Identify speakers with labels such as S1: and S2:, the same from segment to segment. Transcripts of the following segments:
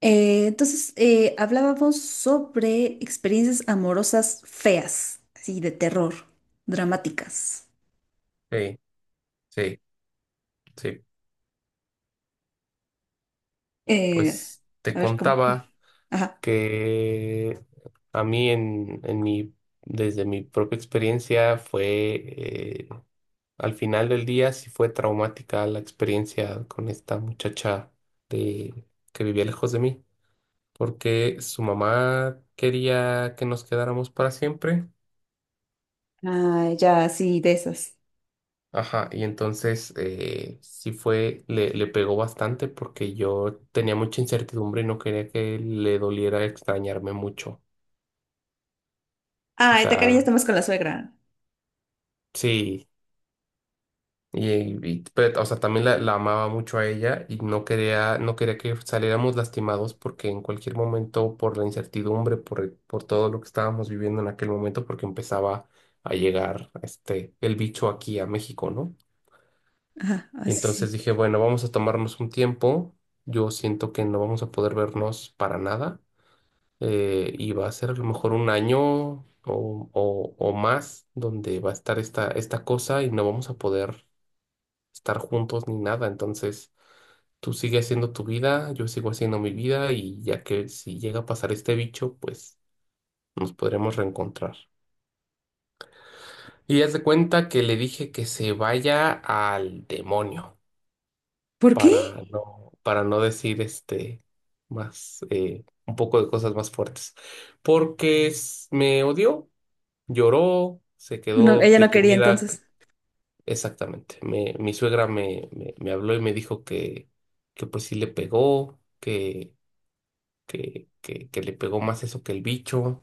S1: Entonces, hablábamos sobre experiencias amorosas feas, así de terror, dramáticas.
S2: Sí, sí, sí.
S1: Eh,
S2: Pues te
S1: a ver, ¿cómo cuál?
S2: contaba
S1: Ajá.
S2: que a mí desde mi propia experiencia fue, eh, al final del día sí fue traumática la experiencia con esta muchacha de, que vivía lejos de mí, porque su mamá quería que nos quedáramos para siempre.
S1: Ah, ya, sí, de esas.
S2: Ajá, y entonces le pegó bastante porque yo tenía mucha incertidumbre y no quería que le doliera extrañarme mucho. O
S1: Ah, te quería
S2: sea,
S1: estar más con la suegra.
S2: sí, pero, o sea, también la amaba mucho a ella y no quería que saliéramos lastimados porque en cualquier momento, por la incertidumbre, por todo lo que estábamos viviendo en aquel momento, porque empezaba a llegar el bicho aquí a México, ¿no?
S1: Ajá,
S2: Y
S1: así sí.
S2: entonces
S1: Sí.
S2: dije, bueno, vamos a tomarnos un tiempo. Yo siento que no vamos a poder vernos para nada. Y va a ser a lo mejor un año o más donde va a estar esta cosa y no vamos a poder estar juntos ni nada. Entonces, tú sigue haciendo tu vida, yo sigo haciendo mi vida y ya que si llega a pasar este bicho, pues nos podremos reencontrar. Y haz de cuenta que le dije que se vaya al demonio.
S1: ¿Por qué?
S2: Para no decir más un poco de cosas más fuertes. Porque me odió, lloró, se
S1: No,
S2: quedó
S1: ella no quería
S2: deprimida.
S1: entonces.
S2: Exactamente. Mi suegra me habló y me dijo que pues sí le pegó, que le pegó más eso que el bicho.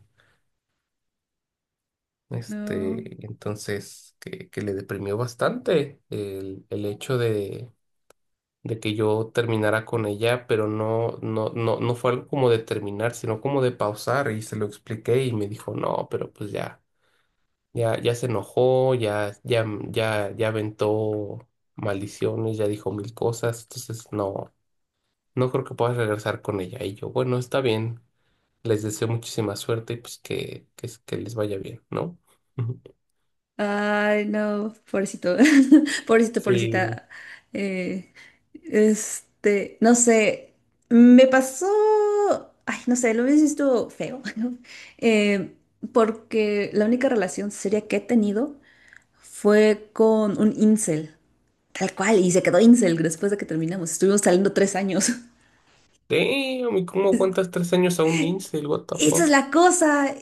S1: No.
S2: Entonces, que le deprimió bastante el hecho de que yo terminara con ella, pero no, no, no, no fue algo como de terminar, sino como de pausar y se lo expliqué y me dijo, no, pero pues ya, ya, ya se enojó, ya, ya, ya, ya aventó maldiciones, ya dijo mil cosas, entonces no creo que puedas regresar con ella. Y yo, bueno, está bien, les deseo muchísima suerte y pues que les vaya bien, ¿no?
S1: Ay, no, pobrecito. Pobrecito,
S2: Sí.
S1: pobrecita. Eh, Este, no sé, me pasó, ay, no sé, lo hubiese visto feo, ¿no? eh, porque la única relación seria que he tenido fue con un incel, tal cual, y se quedó incel después de que terminamos, estuvimos saliendo 3 años.
S2: Damn, ¿y cómo aguantas 3 años a un incel? What the
S1: Esa es
S2: fuck?
S1: la cosa.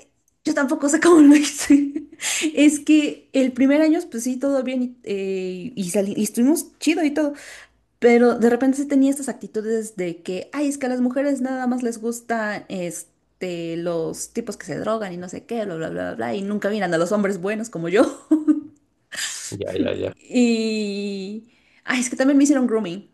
S1: Yo tampoco sé cómo lo hice. Es que el primer año, pues sí, todo bien y estuvimos chido y todo. Pero de repente sí tenía estas actitudes de que, ay, es que a las mujeres nada más les gusta este, los tipos que se drogan y no sé qué, bla, bla, bla, bla, bla, y nunca miran a los hombres buenos como yo.
S2: Ya, ya, ya.
S1: Y, ay, es que también me hicieron grooming.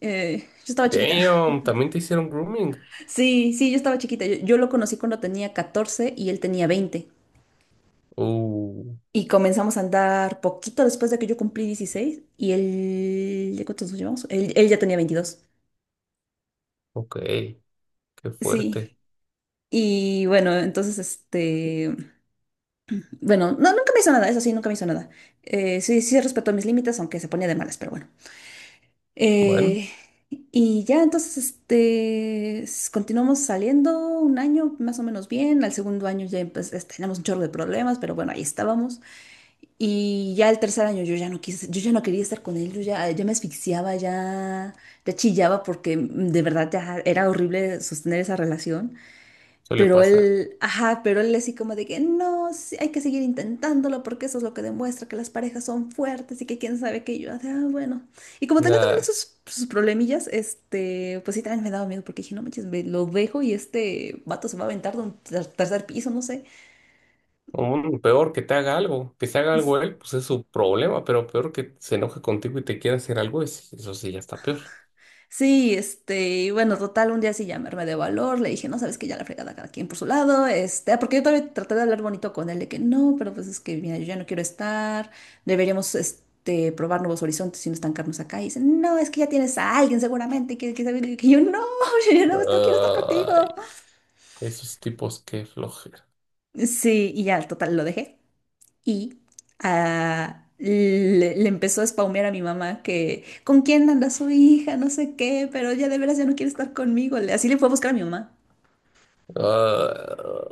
S1: Yo estaba chiquita.
S2: Damn, también te hicieron grooming.
S1: Sí, sí, yo estaba chiquita. Yo lo conocí cuando tenía 14 y él tenía 20.
S2: Uh,
S1: Y comenzamos a andar poquito después de que yo cumplí 16 y él, ¿de ¿cuántos nos llevamos? Él ya tenía 22.
S2: ok, qué
S1: Sí.
S2: fuerte.
S1: Y bueno, entonces este. Bueno, no, nunca me hizo nada, eso sí, nunca me hizo nada. Sí, sí respetó mis límites, aunque se ponía de malas, pero bueno.
S2: Bueno,
S1: Eh, y ya entonces, este, continuamos saliendo un año más o menos bien. Al segundo año ya pues, teníamos un chorro de problemas, pero bueno, ahí estábamos. Y ya el tercer año yo ya no quise, yo ya no quería estar con él, yo ya, ya me asfixiaba, ya, ya chillaba porque de verdad ya era horrible sostener esa relación.
S2: suele
S1: Pero
S2: pasar.
S1: él, ajá, pero él así como de que no, sí, hay que seguir intentándolo porque eso es lo que demuestra que las parejas son fuertes y que quién sabe qué. Y yo, ah, bueno. Y como tenía también
S2: Nada,
S1: sus problemillas, este, pues sí, también me daba miedo porque dije, no manches, me lo dejo y este vato se va a aventar de un tercer piso, no sé.
S2: peor que te haga algo, que se haga algo él, pues es su problema, pero peor que se enoje contigo y te quiera hacer algo, eso sí ya está peor.
S1: Sí, este, y bueno, total, un día sí llamarme de valor, le dije, no, sabes que ya la fregada cada quien por su lado, este, ah, porque yo todavía traté de hablar bonito con él, de que no, pero pues es que, mira, yo ya no quiero estar, deberíamos, este, probar nuevos horizontes y no estancarnos acá, y dice, no, es que ya tienes a alguien seguramente, que, sabe", y yo, no, yo no, no quiero estar contigo.
S2: Ay, esos tipos, qué flojera.
S1: Sí, y ya, total, lo dejé. Y le empezó a spaumear a mi mamá que, ¿con quién anda su hija? No sé qué, pero ya de veras ya no quiere estar conmigo. Así le fue a buscar a mi mamá.
S2: Ah,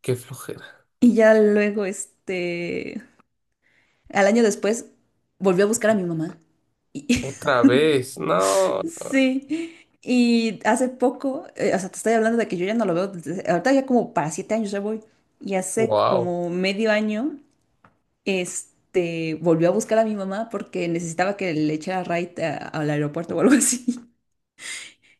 S2: qué flojera.
S1: Y ya luego, este, al año después, volvió a buscar a mi mamá. Y-
S2: Otra vez, no.
S1: Sí. Y hace poco, o sea, te estoy hablando de que yo ya no lo veo, ahorita ya como para 7 años ya voy. Y hace
S2: Wow,
S1: como medio año este, volvió a buscar a mi mamá porque necesitaba que le echara ride al aeropuerto o algo así.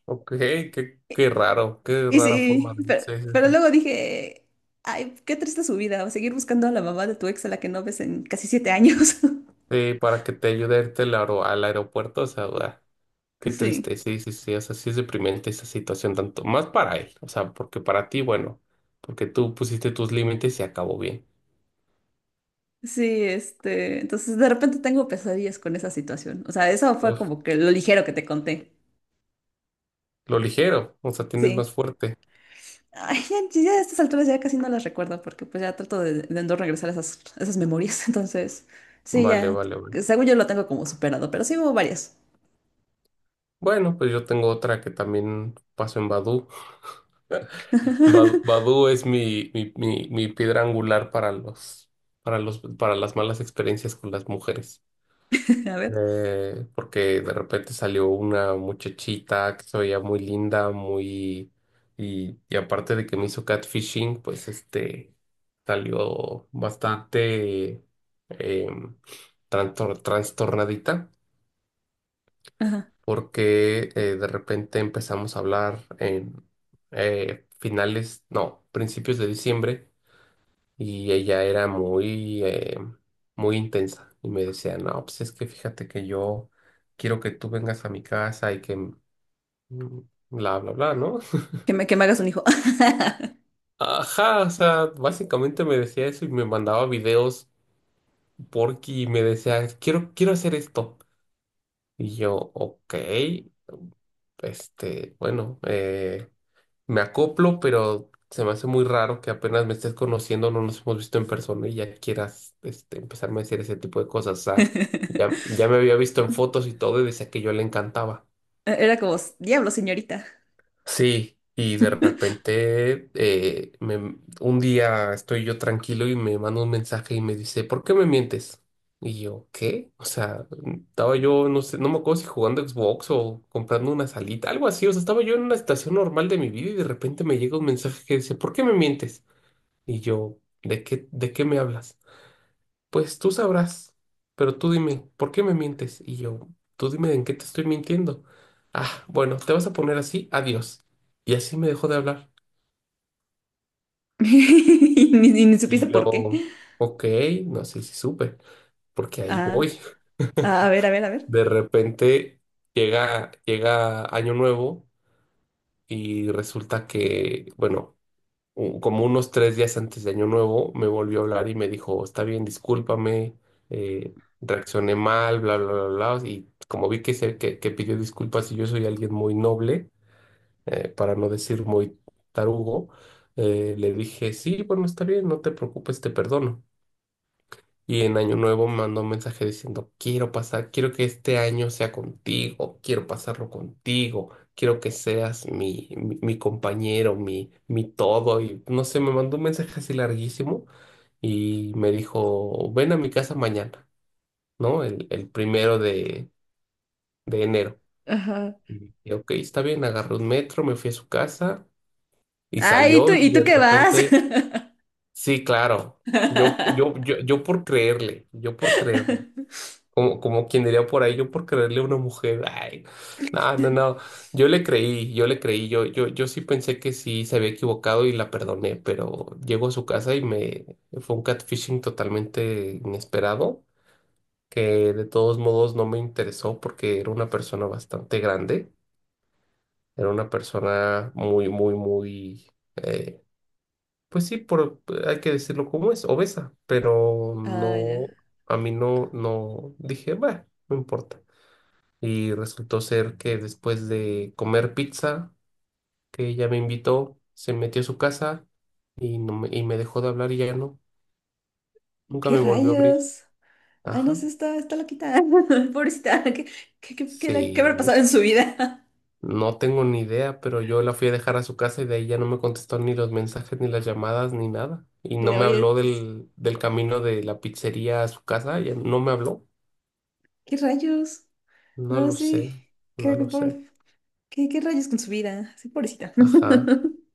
S2: ok, qué raro, qué
S1: Y
S2: rara forma
S1: sí,
S2: de...
S1: pero,
S2: Sí, sí,
S1: pero
S2: sí.
S1: luego dije, ay, qué triste su vida, seguir buscando a la mamá de tu ex a la que no ves en casi 7 años.
S2: Sí, para que te ayude a irte al aeropuerto, o sea, ah, qué triste,
S1: Sí,
S2: sí, sí, sí, o sea, sí es deprimente esa situación, tanto más para él, o sea, porque para ti, bueno, porque tú pusiste tus límites y acabó bien.
S1: sí, este, entonces de repente tengo pesadillas con esa situación. O sea, eso fue
S2: Uf,
S1: como que lo ligero que te conté.
S2: lo ligero, o sea, tienes
S1: Sí.
S2: más fuerte.
S1: Ay, ya, ya a estas alturas ya casi no las recuerdo porque pues ya trato de no regresar a esas memorias. Entonces, sí,
S2: Vale,
S1: ya,
S2: vale, vale.
S1: según yo lo tengo como superado, pero sí hubo varias.
S2: Bueno, pues yo tengo otra que también paso en Badoo. Badoo es mi piedra angular para las malas experiencias con las mujeres.
S1: A ver,
S2: Porque de repente salió una muchachita que se veía muy linda, Y aparte de que me hizo catfishing, pues salió bastante em, trastornadita,
S1: ajá,
S2: porque de repente empezamos a hablar en finales, no, principios de diciembre. Y ella era muy, muy intensa y me decía, no, pues es que fíjate que yo quiero que tú vengas a mi casa y que bla, bla, bla, ¿no?
S1: que me hagas un hijo.
S2: Ajá, o sea, básicamente me decía eso y me mandaba videos porque me decía, quiero hacer esto. Y yo, ok, bueno, me acoplo, pero se me hace muy raro que apenas me estés conociendo, no nos hemos visto en persona y ya quieras empezarme a decir ese tipo de cosas. O sea, ya, ya me había visto en fotos y todo y decía que yo le encantaba.
S1: Era como, diablo, señorita.
S2: Sí, y de repente un día estoy yo tranquilo y me manda un mensaje y me dice, ¿por qué me mientes? Y yo, ¿qué? O sea, estaba yo, no sé, no me acuerdo si jugando Xbox o comprando una salita, algo así. O sea, estaba yo en una estación normal de mi vida y de repente me llega un mensaje que dice, ¿por qué me mientes? Y yo, de qué me hablas? Pues tú sabrás, pero tú dime, ¿por qué me mientes? Y yo, tú dime en qué te estoy mintiendo. Ah, bueno, te vas a poner así, adiós. Y así me dejó de hablar.
S1: Y ni supiste
S2: Y
S1: por qué.
S2: yo, ok, no sé si supe, porque ahí
S1: Ah,
S2: voy.
S1: ah, a ver, a ver, a ver.
S2: De repente llega Año Nuevo y resulta que, bueno, como unos 3 días antes de Año Nuevo, me volvió a hablar y me dijo, está bien, discúlpame, reaccioné mal, bla, bla, bla, bla. Y como vi que pidió disculpas y yo soy alguien muy noble, para no decir muy tarugo, le dije, sí, bueno, está bien, no te preocupes, te perdono. Y en Año Nuevo me mandó un mensaje diciendo, quiero pasar, quiero que este año sea contigo, quiero pasarlo contigo, quiero que seas mi compañero, mi todo. Y no sé, me mandó un mensaje así larguísimo y me dijo, ven a mi casa mañana, ¿no? El primero de enero.
S1: Ajá.
S2: Y dije, ok, está bien, agarré un metro, me fui a su casa y
S1: Ah, ¿y tú,
S2: salió y
S1: y
S2: de
S1: tú qué vas?
S2: repente, sí, claro, yo por creerle, yo por creerle. Como, como quien diría por ahí, yo por creerle a una mujer, ay, no, no, no, yo le creí, yo le creí, yo sí pensé que sí se había equivocado y la perdoné, pero llego a su casa y me fue un catfishing totalmente inesperado, que de todos modos no me interesó porque era una persona bastante grande, era una persona muy, muy, muy, eh, pues sí, hay que decirlo como es, obesa, pero
S1: Ah,
S2: no,
S1: ya.
S2: a mí no, no, dije, bueno, no importa y resultó ser que después de comer pizza, que ella me invitó, se metió a su casa y, no me, y me dejó de hablar y ya no, nunca
S1: ¿Qué
S2: me volvió a abrir.
S1: rayos? Ay, no
S2: Ajá.
S1: sé, está loquita. Pobrecita, ¿qué habrá
S2: Sí,
S1: pasado en su vida?
S2: no tengo ni idea, pero yo la fui a dejar a su casa y de ahí ya no me contestó ni los mensajes, ni las llamadas, ni nada. Y no
S1: De,
S2: me
S1: oye,
S2: habló
S1: pues,
S2: del camino de la pizzería a su casa, ya no me habló.
S1: ¿qué rayos?
S2: No
S1: No,
S2: lo sé,
S1: sí.
S2: no
S1: ¿Qué, qué,
S2: lo
S1: por-
S2: sé.
S1: qué rayos con su vida? Sí, pobrecita.
S2: Ajá,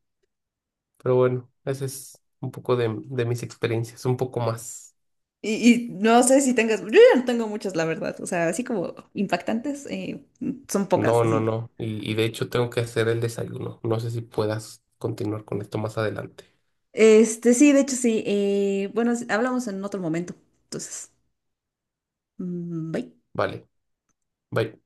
S2: pero bueno, ese es un poco de mis experiencias, un poco más.
S1: Y no sé si tengas, yo ya no tengo muchas, la verdad. O sea, así como impactantes, son pocas,
S2: No, no,
S1: así.
S2: no. Y de hecho tengo que hacer el desayuno. No sé si puedas continuar con esto más adelante.
S1: Este, sí, de hecho, sí. Bueno, sí, hablamos en otro momento. Entonces, bye.
S2: Vale. Bye.